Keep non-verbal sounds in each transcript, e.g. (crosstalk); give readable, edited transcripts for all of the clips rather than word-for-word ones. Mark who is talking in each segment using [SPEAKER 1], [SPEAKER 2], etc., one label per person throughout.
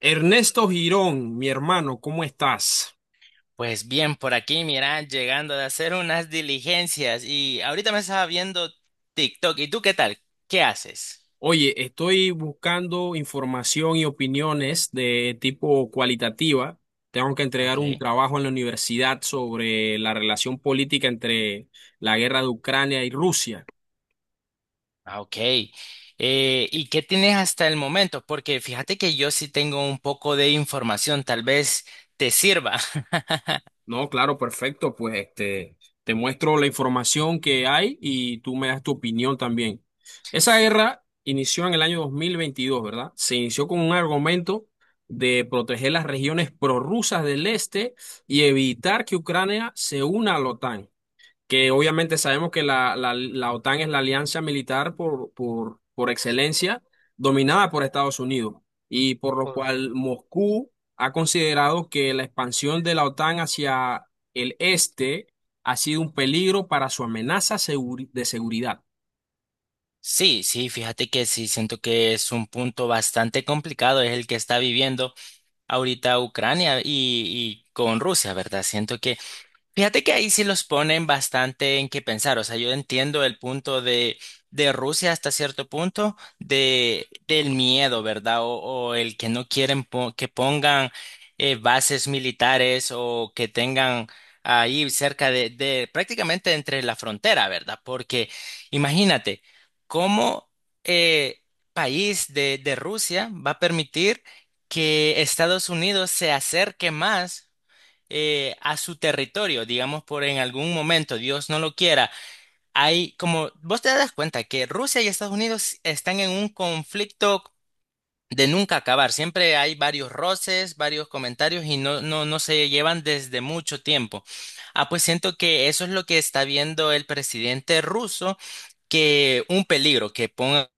[SPEAKER 1] Ernesto Girón, mi hermano, ¿cómo estás?
[SPEAKER 2] Pues bien, por aquí, mira, llegando de hacer unas diligencias y ahorita me estaba viendo TikTok. ¿Y tú qué tal? ¿Qué haces?
[SPEAKER 1] Oye, estoy buscando información y opiniones de tipo cualitativa. Tengo que entregar
[SPEAKER 2] Ok.
[SPEAKER 1] un trabajo en la universidad sobre la relación política entre la guerra de Ucrania y Rusia.
[SPEAKER 2] Ah, ok. ¿Y qué tienes hasta el momento? Porque fíjate que yo sí tengo un poco de información, tal vez te sirva. (laughs)
[SPEAKER 1] No, claro, perfecto. Pues te muestro la información que hay y tú me das tu opinión también. Esa guerra inició en el año 2022, ¿verdad? Se inició con un argumento de proteger las regiones prorrusas del este y evitar que Ucrania se una a la OTAN, que obviamente sabemos que la OTAN es la alianza militar por excelencia, dominada por Estados Unidos, y por lo
[SPEAKER 2] Por-
[SPEAKER 1] cual Moscú ha considerado que la expansión de la OTAN hacia el este ha sido un peligro para su de seguridad.
[SPEAKER 2] Sí, sí, fíjate que sí, siento que es un punto bastante complicado, es el que está viviendo ahorita Ucrania y con Rusia, ¿verdad? Siento Fíjate que ahí sí los ponen bastante en qué pensar. O sea, yo entiendo el punto de Rusia hasta cierto punto del miedo, ¿verdad? O el que no quieren que pongan bases militares o que tengan ahí cerca de prácticamente entre la frontera, ¿verdad? Porque imagínate, ¿cómo eh, país de Rusia va a permitir que Estados Unidos se acerque más a su territorio? Digamos, por en algún momento, Dios no lo quiera, hay como, vos te das cuenta que Rusia y Estados Unidos están en un conflicto de nunca acabar. Siempre hay varios roces, varios comentarios y no, no, no se llevan desde mucho tiempo. Ah, pues siento que eso es lo que está viendo el presidente ruso, que un peligro, que ponga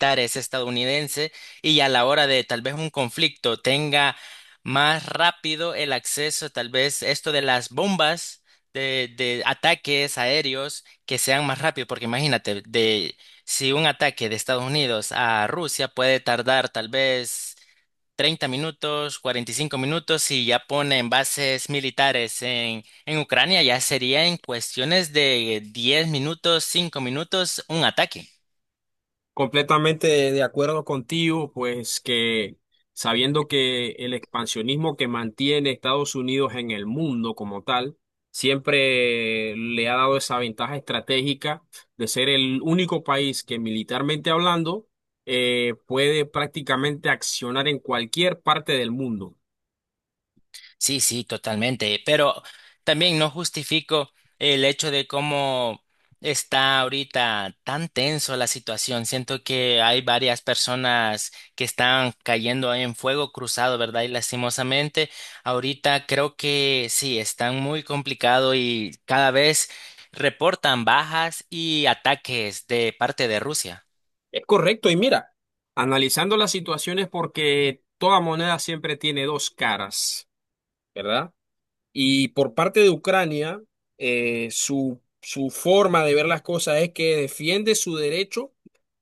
[SPEAKER 2] militares estadounidense y a la hora de tal vez un conflicto tenga más rápido el acceso, tal vez esto de las bombas de ataques aéreos que sean más rápido, porque imagínate, si un ataque de Estados Unidos a Rusia puede tardar tal vez 30 minutos, 45 minutos y ya ponen bases militares en Ucrania, ya sería en cuestiones de 10 minutos, 5 minutos un ataque.
[SPEAKER 1] Completamente de acuerdo contigo, pues que sabiendo que el expansionismo que mantiene Estados Unidos en el mundo como tal, siempre le ha dado esa ventaja estratégica de ser el único país que, militarmente hablando, puede prácticamente accionar en cualquier parte del mundo.
[SPEAKER 2] Sí, sí, totalmente. Pero también no justifico el hecho de cómo está ahorita tan tenso la situación. Siento que hay varias personas que están cayendo en fuego cruzado, ¿verdad? Y lastimosamente, ahorita creo que sí, están muy complicado y cada vez reportan bajas y ataques de parte de Rusia.
[SPEAKER 1] Es correcto, y mira, analizando las situaciones porque toda moneda siempre tiene dos caras, ¿verdad? Y por parte de Ucrania, su forma de ver las cosas es que defiende su derecho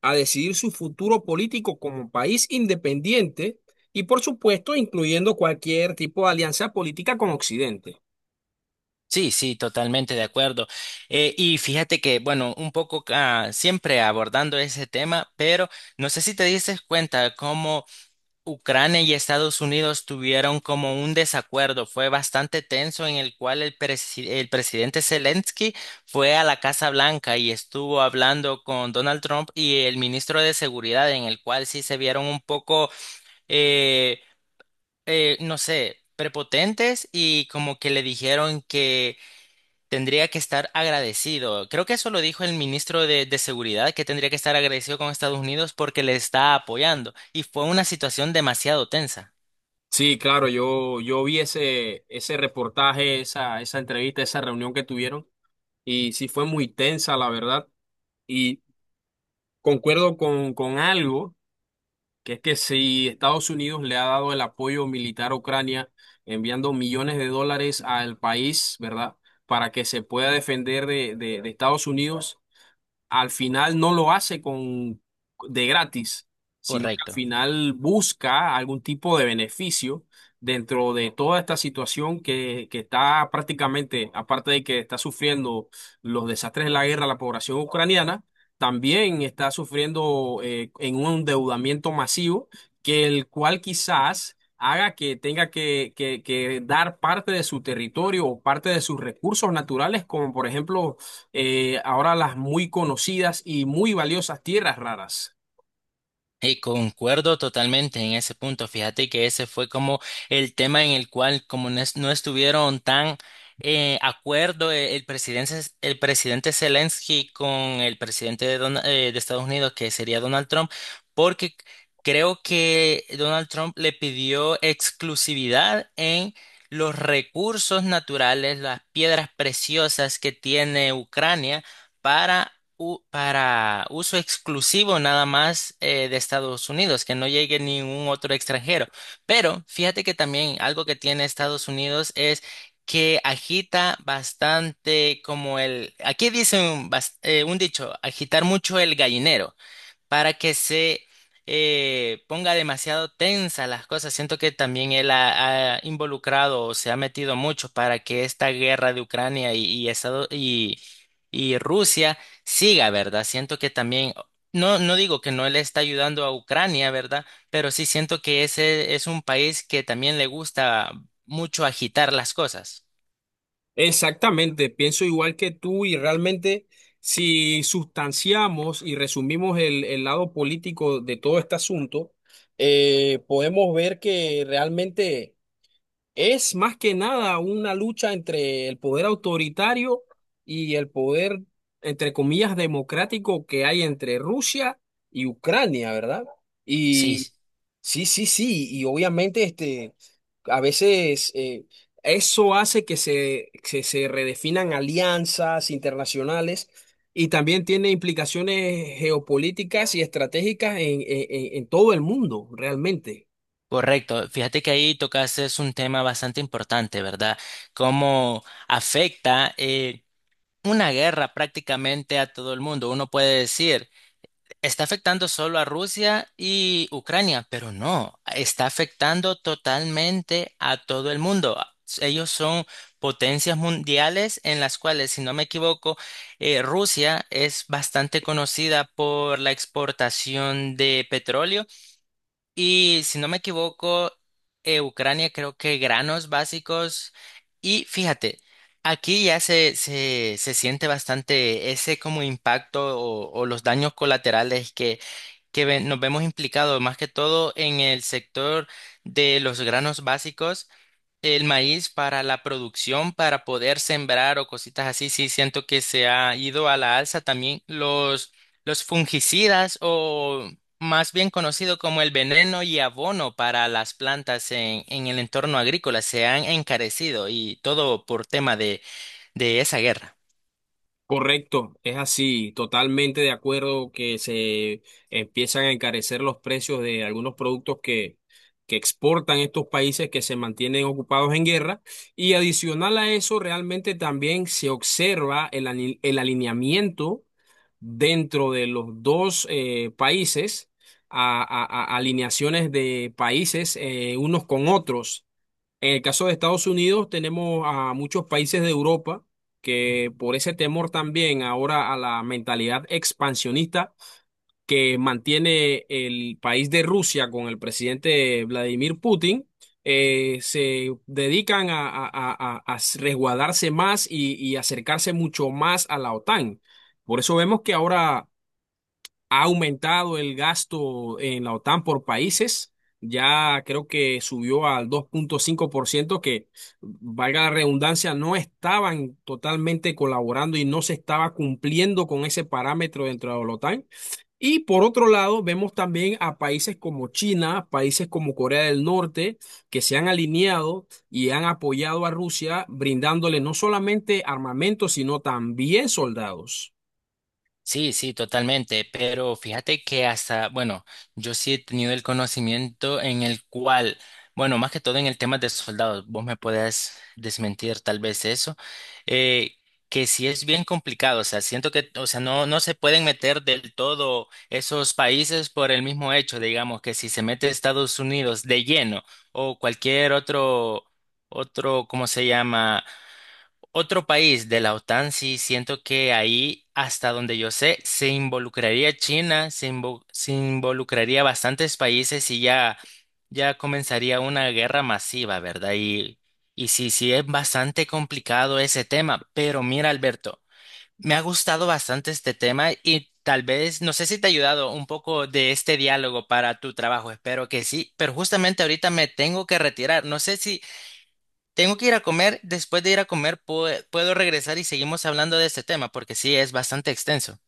[SPEAKER 1] a decidir su futuro político como país independiente y, por supuesto, incluyendo cualquier tipo de alianza política con Occidente.
[SPEAKER 2] Sí, sí, totalmente de acuerdo. Y fíjate que, bueno, un poco siempre abordando ese tema, pero no sé si te diste cuenta cómo Ucrania y Estados Unidos tuvieron como un desacuerdo. Fue bastante tenso en el cual el presidente Zelensky fue a la Casa Blanca y estuvo hablando con Donald Trump y el ministro de Seguridad, en el cual sí se vieron un poco, eh, no sé, prepotentes y como que le dijeron que tendría que estar agradecido. Creo que eso lo dijo el ministro de Seguridad, que tendría que estar agradecido con Estados Unidos porque le está apoyando. Y fue una situación demasiado tensa.
[SPEAKER 1] Sí, claro, yo vi ese reportaje, esa entrevista, esa reunión que tuvieron, y sí fue muy tensa, la verdad. Y concuerdo con algo, que es que si Estados Unidos le ha dado el apoyo militar a Ucrania, enviando millones de dólares al país, ¿verdad? Para que se pueda defender de Estados Unidos, al final no lo hace con de gratis, sino que al
[SPEAKER 2] Correcto.
[SPEAKER 1] final busca algún tipo de beneficio dentro de toda esta situación que está prácticamente, aparte de que está sufriendo los desastres de la guerra la población ucraniana, también está sufriendo en un endeudamiento masivo, que el cual quizás haga que tenga que dar parte de su territorio o parte de sus recursos naturales, como por ejemplo, ahora, las muy conocidas y muy valiosas tierras raras.
[SPEAKER 2] Y concuerdo totalmente en ese punto. Fíjate que ese fue como el tema en el cual como no, no estuvieron tan acuerdo, el presidente Zelensky con el presidente de Estados Unidos, que sería Donald Trump, porque creo que Donald Trump le pidió exclusividad en los recursos naturales, las piedras preciosas que tiene Ucrania, para uso exclusivo nada más, de Estados Unidos, que no llegue ningún otro extranjero. Pero fíjate que también algo que tiene Estados Unidos es que agita bastante como aquí dicen un dicho, agitar mucho el gallinero para que se ponga demasiado tensa las cosas. Siento que también él ha involucrado o se ha metido mucho para que esta guerra de Ucrania y Rusia siga, ¿verdad? Siento que también, no, no digo que no le está ayudando a Ucrania, ¿verdad? Pero sí siento que ese es un país que también le gusta mucho agitar las cosas.
[SPEAKER 1] Exactamente, pienso igual que tú, y realmente si sustanciamos y resumimos el lado político de todo este asunto, podemos ver que realmente es más que nada una lucha entre el poder autoritario y el poder, entre comillas, democrático, que hay entre Rusia y Ucrania, ¿verdad?
[SPEAKER 2] Sí.
[SPEAKER 1] Sí, sí, sí, y obviamente a veces eso hace que que se redefinan alianzas internacionales, y también tiene implicaciones geopolíticas y estratégicas en, en todo el mundo, realmente.
[SPEAKER 2] Correcto, fíjate que ahí tocas es un tema bastante importante, ¿verdad? Cómo afecta una guerra prácticamente a todo el mundo. Uno puede decir, está afectando solo a Rusia y Ucrania, pero no, está afectando totalmente a todo el mundo. Ellos son potencias mundiales en las cuales, si no me equivoco, Rusia es bastante conocida por la exportación de petróleo y, si no me equivoco, Ucrania creo que granos básicos. Y fíjate, aquí ya se siente bastante ese como impacto o los daños colaterales que, nos vemos implicados, más que todo en el sector de los granos básicos. El maíz para la producción, para poder sembrar o cositas así, sí siento que se ha ido a la alza también los fungicidas o más bien conocido como el veneno y abono para las plantas en el entorno agrícola se han encarecido y todo por tema de esa guerra.
[SPEAKER 1] Correcto, es así, totalmente de acuerdo que se empiezan a encarecer los precios de algunos productos que exportan estos países que se mantienen ocupados en guerra, y adicional a eso realmente también se observa el, el alineamiento dentro de los dos países, alineaciones de países unos con otros. En el caso de Estados Unidos, tenemos a muchos países de Europa que, por ese temor también ahora a la mentalidad expansionista que mantiene el país de Rusia con el presidente Vladimir Putin, se dedican a resguardarse más y acercarse mucho más a la OTAN. Por eso vemos que ahora ha aumentado el gasto en la OTAN por países. Ya creo que subió al 2,5%. Que, valga la redundancia, no estaban totalmente colaborando y no se estaba cumpliendo con ese parámetro dentro de la OTAN. Y por otro lado, vemos también a países como China, países como Corea del Norte, que se han alineado y han apoyado a Rusia, brindándole no solamente armamento, sino también soldados.
[SPEAKER 2] Sí, sí, totalmente, pero fíjate que hasta, bueno, yo sí he tenido el conocimiento en el cual, bueno, más que todo en el tema de soldados, vos me podés desmentir tal vez eso, eh, que sí es bien complicado. O sea, siento que, o sea, no, no se pueden meter del todo esos países por el mismo hecho, digamos, que si se mete Estados Unidos de lleno o cualquier otro, ¿cómo se llama? Otro país de la OTAN. Sí, siento que ahí, hasta donde yo sé, se involucraría China, se involucraría bastantes países y ya comenzaría una guerra masiva, ¿verdad? Y sí, sí, es bastante complicado ese tema, pero mira, Alberto, me ha gustado bastante este tema y tal vez, no sé si te ha ayudado un poco de este diálogo para tu trabajo, espero que sí, pero justamente ahorita me tengo que retirar, no sé si. Tengo que ir a comer. Después de ir a comer, puedo regresar y seguimos hablando de este tema porque sí es bastante extenso.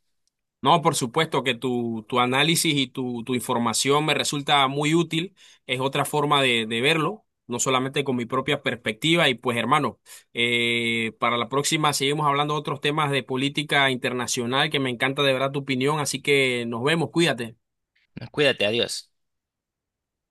[SPEAKER 1] No, por supuesto que tu análisis y tu información me resulta muy útil. Es otra forma de verlo, no solamente con mi propia perspectiva. Y pues, hermano, para la próxima seguimos hablando de otros temas de política internacional, que me encanta de verdad tu opinión. Así que nos vemos, cuídate.
[SPEAKER 2] Cuídate, adiós.